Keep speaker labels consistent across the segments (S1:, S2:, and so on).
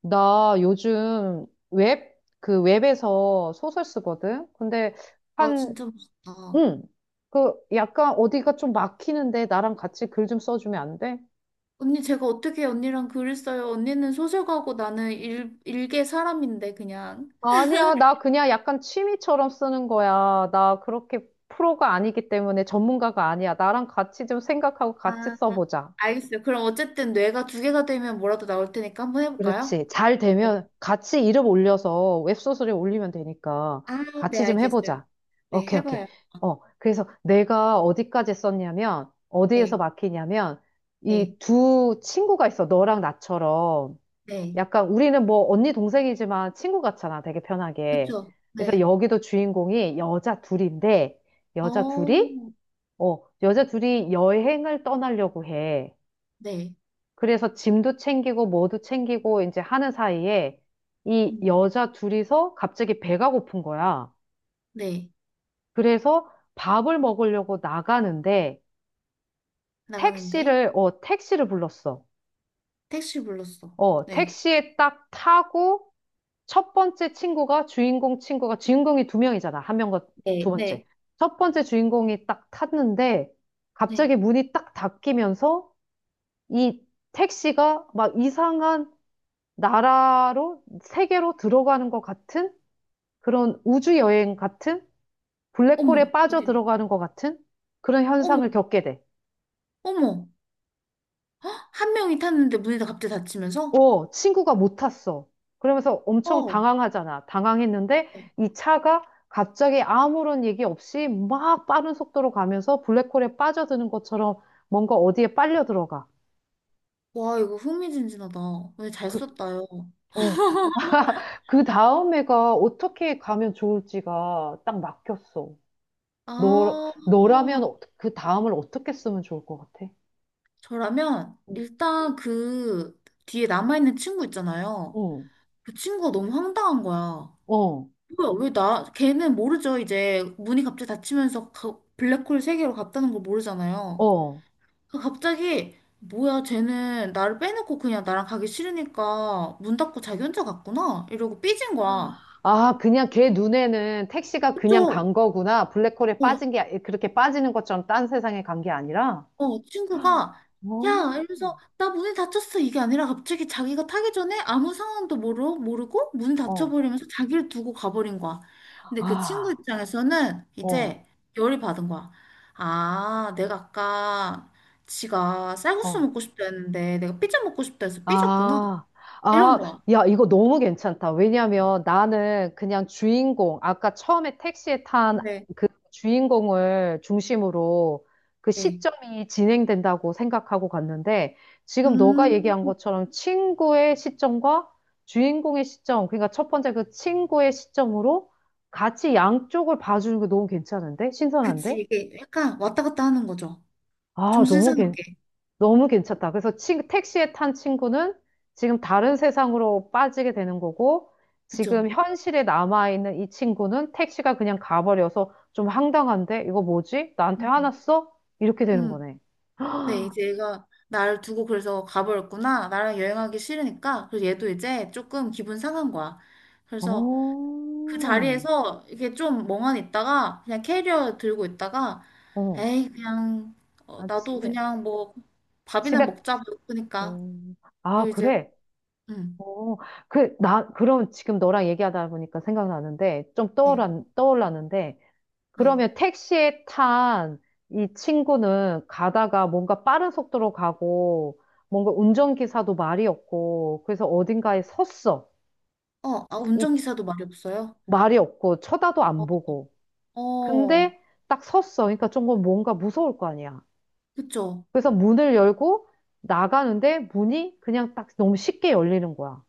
S1: 나 요즘 그 웹에서 소설 쓰거든? 근데
S2: 아,
S1: 한,
S2: 진짜 멋있다.
S1: 응. 그 약간 어디가 좀 막히는데 나랑 같이 글 좀 써주면 안 돼?
S2: 언니, 제가 어떻게 언니랑 글을 써요? 언니는 소설가고 나는 일개 사람인데, 그냥.
S1: 아니야. 나 그냥 약간 취미처럼 쓰는 거야. 나 그렇게 프로가 아니기 때문에 전문가가 아니야. 나랑 같이 좀 생각하고
S2: 아,
S1: 같이 써보자.
S2: 알겠어요. 그럼 어쨌든 뇌가 두 개가 되면 뭐라도 나올 테니까 한번 해볼까요?
S1: 그렇지. 잘
S2: 네.
S1: 되면 같이 이름 올려서 웹소설에 올리면 되니까
S2: 아, 네,
S1: 같이 좀
S2: 알겠어요.
S1: 해보자.
S2: 네,
S1: 오케이, 오케이.
S2: 해봐요.
S1: 그래서 내가 어디까지 썼냐면, 어디에서
S2: 네,
S1: 막히냐면,
S2: 네,
S1: 이 두 친구가 있어. 너랑 나처럼.
S2: 네.
S1: 약간 우리는 뭐 언니 동생이지만 친구 같잖아. 되게 편하게.
S2: 그쵸?
S1: 그래서
S2: 네.
S1: 여기도 주인공이 여자 둘인데, 여자 둘이,
S2: 어,
S1: 여자 둘이 여행을 떠나려고 해.
S2: 네.
S1: 그래서 짐도 챙기고 뭐도 챙기고 이제 하는 사이에 이
S2: 음,
S1: 여자 둘이서 갑자기 배가 고픈 거야.
S2: 네.
S1: 그래서 밥을 먹으려고 나가는데
S2: 나가는데.
S1: 택시를 불렀어.
S2: 택시 불렀어. 네.
S1: 택시에 딱 타고 첫 번째 친구가 주인공 친구가 주인공이 두 명이잖아. 한 명과 두
S2: 네, 네,
S1: 번째. 첫 번째 주인공이 딱 탔는데
S2: 네.
S1: 갑자기 문이 딱 닫히면서 이 택시가 막 이상한 나라로, 세계로 들어가는 것 같은 그런 우주 여행 같은
S2: 어머,
S1: 블랙홀에 빠져
S2: 어떡해.
S1: 들어가는 것 같은 그런
S2: 어머,
S1: 현상을 겪게 돼.
S2: 어머. 헉! 한 명이 탔는데 문이 다 갑자기 닫히면서?
S1: 친구가 못 탔어. 그러면서 엄청
S2: 어.
S1: 당황하잖아. 당황했는데
S2: 네.
S1: 이 차가 갑자기 아무런 얘기 없이 막 빠른 속도로 가면서 블랙홀에 빠져드는 것처럼 뭔가 어디에 빨려 들어가.
S2: 와, 이거 흥미진진하다. 오늘 잘
S1: 그,
S2: 썼다요.
S1: 어, 그 다음 애가 어떻게 가면 좋을지가 딱 막혔어. 너,
S2: 아,
S1: 너라면 그 다음을 어떻게 쓰면 좋을 것 같아?
S2: 저라면
S1: 음.
S2: 일단 그 뒤에 남아있는 친구 있잖아요.
S1: 응,
S2: 그 친구가 너무 황당한 거야.
S1: 응, 어,
S2: 뭐야, 왜 나, 걔는 모르죠. 이제 문이 갑자기 닫히면서 블랙홀 세계로 갔다는 걸 모르잖아요.
S1: 어.
S2: 그 갑자기, 뭐야, 쟤는 나를 빼놓고 그냥 나랑 가기 싫으니까 문 닫고 자기 혼자 갔구나. 이러고 삐진 거야.
S1: 아, 그냥 걔 눈에는 택시가 그냥
S2: 그쵸?
S1: 간 거구나. 블랙홀에
S2: 어,
S1: 빠진 게, 그렇게 빠지는 것처럼 딴 세상에 간 게 아니라?
S2: 어, 친구가, 야!
S1: 어?
S2: 이러면서, 나 문이 닫혔어. 이게 아니라 갑자기 자기가 타기 전에 아무 상황도 모르고 문
S1: 어,
S2: 닫혀버리면서 자기를 두고 가버린 거야. 근데 그 친구
S1: 아,
S2: 입장에서는
S1: 어,
S2: 이제 열이 받은 거야. 아, 내가 아까 지가 쌀국수
S1: 어.
S2: 먹고 싶다 했는데 내가 피자 먹고 싶다 해서 삐졌구나.
S1: 아,
S2: 이런
S1: 아,
S2: 거야.
S1: 야, 이거 너무 괜찮다. 왜냐면 나는 그냥 주인공, 아까 처음에 택시에 탄
S2: 네,
S1: 그 주인공을 중심으로 그
S2: 네.
S1: 시점이 진행된다고 생각하고 갔는데 지금 너가
S2: 음,
S1: 얘기한 것처럼 친구의 시점과 주인공의 시점, 그러니까 첫 번째 그 친구의 시점으로 같이 양쪽을 봐주는 게 너무 괜찮은데? 신선한데?
S2: 그치. 이게 약간 왔다 갔다 하는 거죠.
S1: 아,
S2: 정신 사납게.
S1: 너무 괜찮다. 그래서 택시에 탄 친구는 지금 다른 세상으로 빠지게 되는 거고,
S2: 그쵸?
S1: 지금 현실에 남아있는 이 친구는 택시가 그냥 가버려서 좀 황당한데? 이거 뭐지? 나한테
S2: 음,
S1: 화났어? 이렇게 되는
S2: 음.
S1: 거네.
S2: 네, 이제 얘가 나를 두고 그래서 가버렸구나. 나랑 여행하기 싫으니까. 그래서 얘도 이제 조금 기분 상한 거야. 그래서 그
S1: 오,
S2: 자리에서 이게 좀 멍하니 있다가 그냥 캐리어 들고 있다가
S1: 어,
S2: 에이, 그냥 어,
S1: 아,
S2: 나도
S1: 집에,
S2: 그냥 뭐 밥이나
S1: 집에,
S2: 먹자 그러니까
S1: 음, 아,
S2: 이제
S1: 그래.
S2: 음.
S1: 어, 그럼 지금 너랑 얘기하다 보니까 생각나는데, 좀
S2: 네.
S1: 떠올랐는데,
S2: 네.
S1: 그러면 택시에 탄 이 친구는 가다가 뭔가 빠른 속도로 가고 뭔가 운전기사도 말이 없고 그래서 어딘가에 섰어.
S2: 어, 아,
S1: 이
S2: 운전기사도 말이 없어요.
S1: 말이 없고 쳐다도
S2: 어,
S1: 안 보고.
S2: 어,
S1: 근데 딱 섰어. 그러니까 조금 뭔가 무서울 거 아니야.
S2: 그쵸.
S1: 그래서 문을 열고 나가는데 문이 그냥 딱 너무 쉽게 열리는 거야.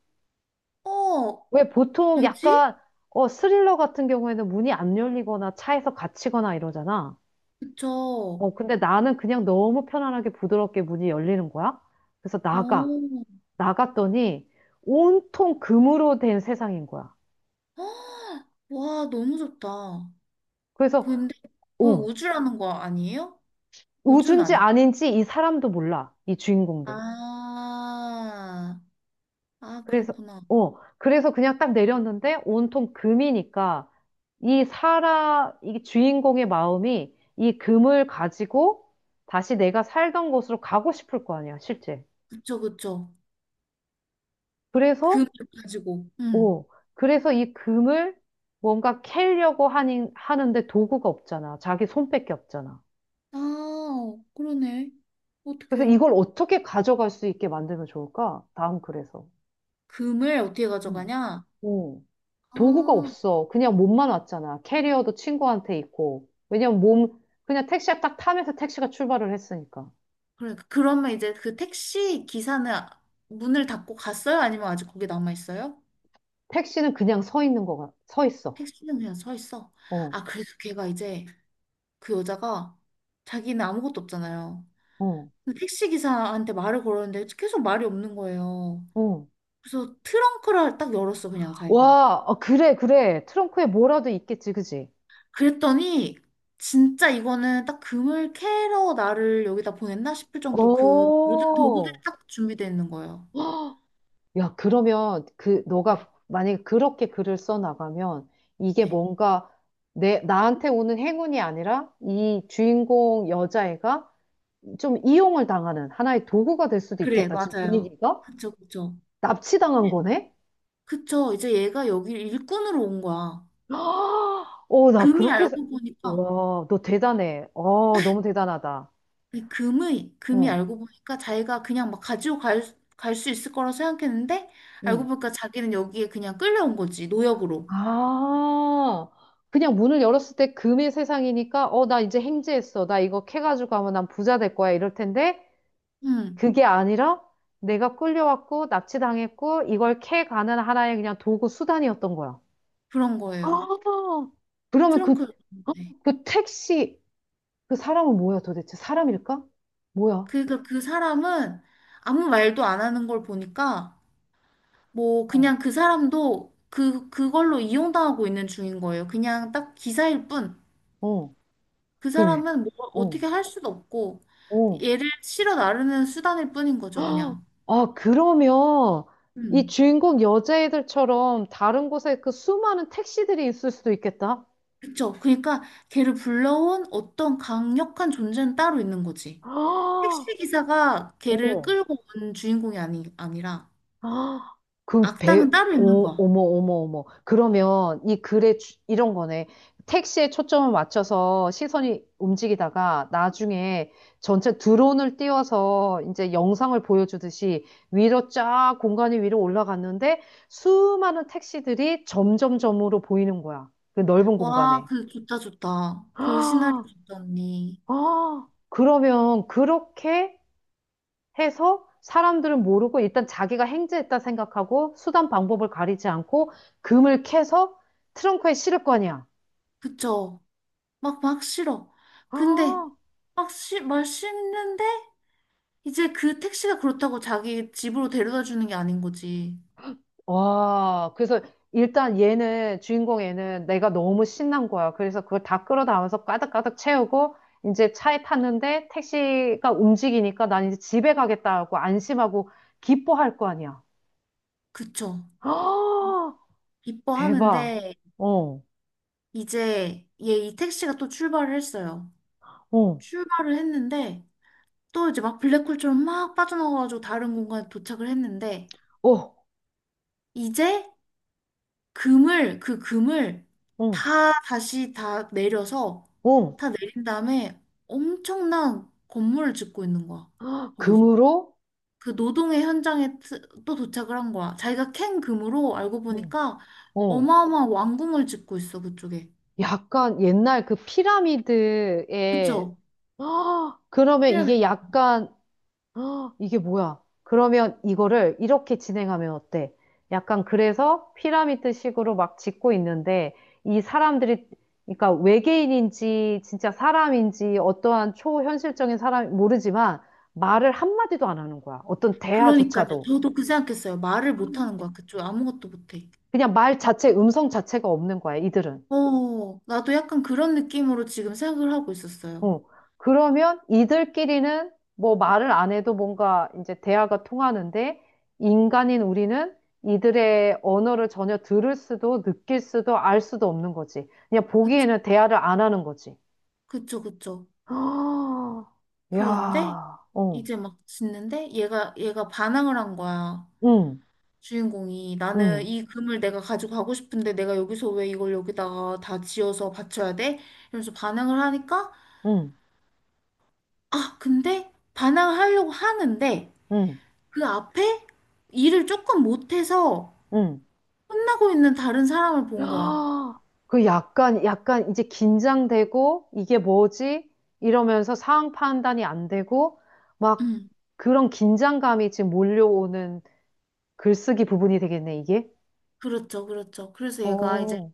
S2: 어,
S1: 왜 보통
S2: 왜지?
S1: 약간 스릴러 같은 경우에는 문이 안 열리거나 차에서 갇히거나 이러잖아.
S2: 그쵸.
S1: 근데 나는 그냥 너무 편안하게 부드럽게 문이 열리는 거야. 그래서 나가.
S2: 어,
S1: 나갔더니 온통 금으로 된 세상인 거야.
S2: 헉, 와, 너무 좋다.
S1: 그래서,
S2: 근데 그게
S1: 어,
S2: 우주라는 거 아니에요? 우주는
S1: 우주인지
S2: 아니.
S1: 아닌지 이 사람도 몰라. 이 주인공도.
S2: 아, 아
S1: 그래서,
S2: 그렇구나.
S1: 그래서 그냥 딱 내렸는데 온통 금이니까 이 주인공의 마음이 이 금을 가지고 다시 내가 살던 곳으로 가고 싶을 거 아니야, 실제.
S2: 그쵸 그쵸.
S1: 그래서
S2: 금을 가지고. 음.
S1: 오, 그래서 이 금을 뭔가 캐려고 하는데 도구가 없잖아. 자기 손밖에 없잖아.
S2: 아, 그러네.
S1: 그래서
S2: 어떡해요?
S1: 이걸 어떻게 가져갈 수 있게 만들면 좋을까? 다음 글에서.
S2: 금을 어떻게
S1: 음.
S2: 가져가냐?
S1: 오, 도구가
S2: 아,
S1: 없어. 그냥 몸만 왔잖아. 캐리어도 친구한테 있고. 왜냐면 그냥 택시가 딱 타면서 택시가 출발을 했으니까.
S2: 그래. 그러면 이제 그 택시 기사는 문을 닫고 갔어요? 아니면 아직 거기 남아 있어요?
S1: 택시는 그냥 서 있어.
S2: 택시는 그냥 서 있어.
S1: 어,
S2: 아, 그래서 걔가 이제 그 여자가 자기는 아무것도 없잖아요.
S1: 어,
S2: 택시 기사한테 말을 걸었는데 계속 말이 없는 거예요.
S1: 어.
S2: 그래서 트렁크를 딱 열었어, 그냥 자기가.
S1: 와, 어, 그래, 그래. 트렁크에 뭐라도 있겠지, 그지?
S2: 그랬더니 진짜 이거는 딱 금을 캐러 나를 여기다 보냈나 싶을 정도 그 모든 도구들이
S1: 오,
S2: 딱 준비되어 있는 거예요.
S1: 야, 그러면 그
S2: 어,
S1: 너가 만약에 그렇게 글을 써 나가면 이게
S2: 네.
S1: 뭔가 내 나한테 오는 행운이 아니라 이 주인공 여자애가 좀 이용을 당하는 하나의 도구가 될 수도
S2: 그래,
S1: 있겠다. 지금
S2: 맞아요.
S1: 분위기가
S2: 그쵸, 그쵸.
S1: 납치당한 거네?
S2: 그쵸. 이제 얘가 여기 일꾼으로 온 거야.
S1: 나
S2: 금이
S1: 그렇게 해서.
S2: 알고 보니까
S1: 와, 너 대단해. 너무 대단하다.
S2: 근데 금의, 금이
S1: 응,
S2: 알고 보니까 자기가 그냥 막 가지고 갈, 갈 수 있을 거라 생각했는데, 알고
S1: 응.
S2: 보니까 자기는 여기에 그냥 끌려온 거지, 노역으로.
S1: 아, 그냥 문을 열었을 때 금의 세상이니까, 나 이제 행제했어. 나 이거 캐가지고 가면 난 부자 될 거야. 이럴 텐데,
S2: 음,
S1: 그게 아니라 내가 끌려왔고 납치당했고 이걸 캐가는 하나의 그냥 도구 수단이었던 거야.
S2: 그런 거예요.
S1: 아, 그러면 그,
S2: 트렁크. 네.
S1: 그 택시, 그 사람은 뭐야 도대체? 사람일까? 뭐야?
S2: 그러니까 그 사람은 아무 말도 안 하는 걸 보니까, 뭐,
S1: 어,
S2: 그냥 그 사람도 그, 그걸로 이용당하고 있는 중인 거예요. 그냥 딱 기사일 뿐.
S1: 어,
S2: 그
S1: 그, 위-
S2: 사람은 뭐,
S1: 어,
S2: 어떻게 할 수도 없고,
S1: 어.
S2: 얘를 실어 나르는 수단일 뿐인 거죠,
S1: 헉!
S2: 그냥.
S1: 아, 그러면 이
S2: 음.
S1: 주인공 여자애들처럼 다른 곳에 그 수많은 택시들이 있을 수도 있겠다.
S2: 그쵸? 그러니까 걔를 불러온 어떤 강력한 존재는 따로 있는 거지.
S1: 아,
S2: 택시 기사가 걔를
S1: 어.
S2: 끌고 온 주인공이 아니, 아니라
S1: 아,
S2: 악당은 따로 있는
S1: 오,
S2: 거야.
S1: 어머, 어머, 어머. 그러면 이 글에 이런 거네. 택시에 초점을 맞춰서 시선이 움직이다가 나중에 전체 드론을 띄워서 이제 영상을 보여주듯이 위로 쫙 공간이 위로 올라갔는데 수많은 택시들이 점점점으로 보이는 거야. 그 넓은
S2: 와,
S1: 공간에.
S2: 그 좋다 좋다. 그
S1: 아,
S2: 시나리오 좋다 언니.
S1: 아, 그러면 그렇게 해서 사람들은 모르고 일단 자기가 행제했다 생각하고 수단 방법을 가리지 않고 금을 캐서 트렁크에 실을 거 아니야.
S2: 그쵸? 막 막 싫어.
S1: 아,
S2: 근데 막 말 싫는데 이제 그 택시가 그렇다고 자기 집으로 데려다 주는 게 아닌 거지.
S1: 와, 그래서 일단 주인공 얘는 내가 너무 신난 거야. 그래서 그걸 다 끌어다면서 까닥까닥 채우고 이제 차에 탔는데 택시가 움직이니까 난 이제 집에 가겠다고 안심하고 기뻐할 거 아니야.
S2: 그쵸?
S1: 아, 대박.
S2: 기뻐하는데
S1: 어,
S2: 이제 얘 이 택시가 또 출발을 했어요.
S1: 어,
S2: 출발을 했는데 또 이제 막 블랙홀처럼 막 빠져나가가지고 다른 공간에 도착을 했는데
S1: 어,
S2: 이제 금을 그 금을
S1: 어,
S2: 다 다시 다 내려서
S1: 어.
S2: 다 내린 다음에 엄청난 건물을 짓고 있는 거야. 거기서
S1: 금으로?
S2: 그 노동의 현장에 또 도착을 한 거야. 자기가 캔 금으로 알고
S1: 어.
S2: 보니까
S1: 어.
S2: 어마어마한 왕궁을 짓고 있어 그쪽에.
S1: 약간 옛날 그 피라미드에,
S2: 그쵸?
S1: 아, 그러면
S2: 피라미드.
S1: 이게 약간, 아, 이게 뭐야? 그러면 이거를 이렇게 진행하면 어때? 약간 그래서 피라미드식으로 막 짓고 있는데, 이 사람들이, 그러니까 외계인인지, 진짜 사람인지, 어떠한 초현실적인 사람, 모르지만, 말을 한마디도 안 하는 거야. 어떤
S2: 그러니까요.
S1: 대화조차도.
S2: 저도 그 생각했어요. 말을 못하는 거야. 그쪽 아무것도 못해.
S1: 그냥 말 자체, 음성 자체가 없는 거야, 이들은.
S2: 어, 나도 약간 그런 느낌으로 지금 생각을 하고 있었어요.
S1: 어, 그러면 이들끼리는 뭐 말을 안 해도 뭔가 이제 대화가 통하는데 인간인 우리는 이들의 언어를 전혀 들을 수도 느낄 수도 알 수도 없는 거지. 그냥
S2: 그쵸,
S1: 보기에는 대화를 안 하는 거지.
S2: 그쵸, 그쵸.
S1: 아,
S2: 그런데
S1: 야, 어,
S2: 이제 막 짓는데 얘가 반항을 한 거야.
S1: 응,
S2: 주인공이. 나는
S1: 응,
S2: 이 금을 내가 가지고 가고 싶은데 내가 여기서 왜 이걸 여기다가 다 지어서 바쳐야 돼? 이러면서 반항을 하니까,
S1: 응,
S2: 아, 근데 반항을 하려고 하는데
S1: 응,
S2: 그 앞에 일을 조금 못해서
S1: 응.
S2: 혼나고 있는 다른 사람을 본 거야.
S1: 아, 그 약간 이제 긴장되고, 이게 뭐지? 이러면서 상황 판단이 안 되고, 막
S2: 음,
S1: 그런 긴장감이 지금 몰려오는 글쓰기 부분이 되겠네, 이게.
S2: 그렇죠, 그렇죠. 그래서 얘가 이제
S1: 어,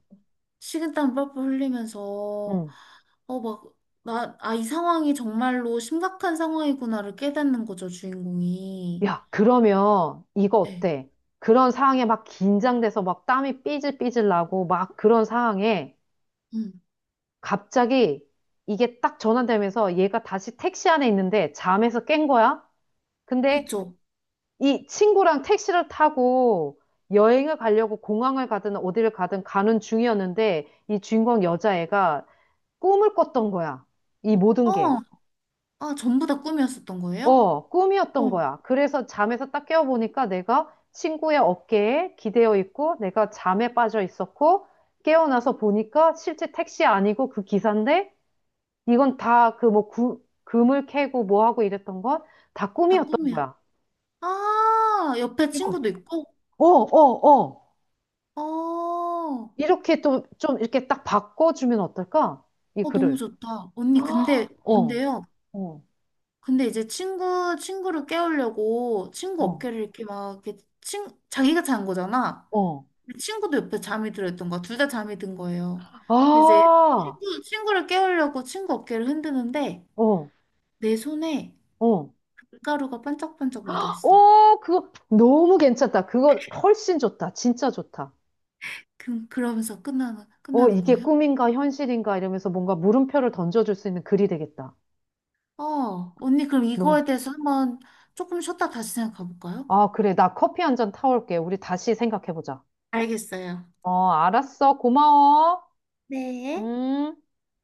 S2: 식은땀 뻘뻘 흘리면서
S1: 응.
S2: 어 막 나 아 이 상황이 정말로 심각한 상황이구나를 깨닫는 거죠 주인공이
S1: 야, 그러면 이거
S2: 네,
S1: 어때? 그런 상황에 막 긴장돼서 막 땀이 삐질삐질 나고, 막 그런 상황에
S2: 음
S1: 갑자기 이게 딱 전환되면서 얘가 다시 택시 안에 있는데 잠에서 깬 거야? 근데
S2: 그쵸
S1: 이 친구랑 택시를 타고 여행을 가려고 공항을 가든 어디를 가든 가는 중이었는데 이 주인공 여자애가 꿈을 꿨던 거야. 이 모든 게.
S2: 어아 전부 다 꿈이었었던 거예요?
S1: 꿈이었던
S2: 어 다
S1: 거야. 그래서 잠에서 딱 깨어보니까 내가 친구의 어깨에 기대어 있고 내가 잠에 빠져 있었고 깨어나서 보니까 실제 택시 아니고 그 기사인데 이건 다 그 뭐 금을 캐고 뭐 하고 이랬던 건 다 꿈이었던
S2: 꿈이야
S1: 거야.
S2: 아 옆에
S1: 이거,
S2: 친구도 있고
S1: 어, 어, 어.
S2: 어,
S1: 이렇게 또 좀 이렇게 딱 바꿔주면 어떨까? 이
S2: 어 너무
S1: 글을.
S2: 좋다 언니 근데
S1: 헉, 어,
S2: 근데요
S1: 어,
S2: 근데 이제 친구 친구를 깨우려고 친구
S1: 어,
S2: 어깨를 이렇게 막 이렇게 친 자기가 잔 거잖아
S1: 어.
S2: 그 친구도 옆에 잠이 들어있던 거야. 둘 다 잠이 든 거예요. 이제
S1: 아,
S2: 친구를 깨우려고 친구 어깨를 흔드는데
S1: 어,
S2: 내 손에
S1: 어.
S2: 밀가루가 반짝반짝 묻어있어.
S1: 그거 너무 괜찮다. 그거 훨씬 좋다. 진짜 좋다.
S2: 그러면서 끝나는
S1: 이게
S2: 거예요?
S1: 꿈인가 현실인가 이러면서 뭔가 물음표를 던져줄 수 있는 글이 되겠다.
S2: 어, 언니 그럼
S1: 너무.
S2: 이거에 대해서 한번 조금 쉬었다 다시 생각해 볼까요?
S1: 아, 그래. 나 커피 한잔 타올게. 우리 다시 생각해보자.
S2: 알겠어요.
S1: 알았어. 고마워.
S2: 네.
S1: 음.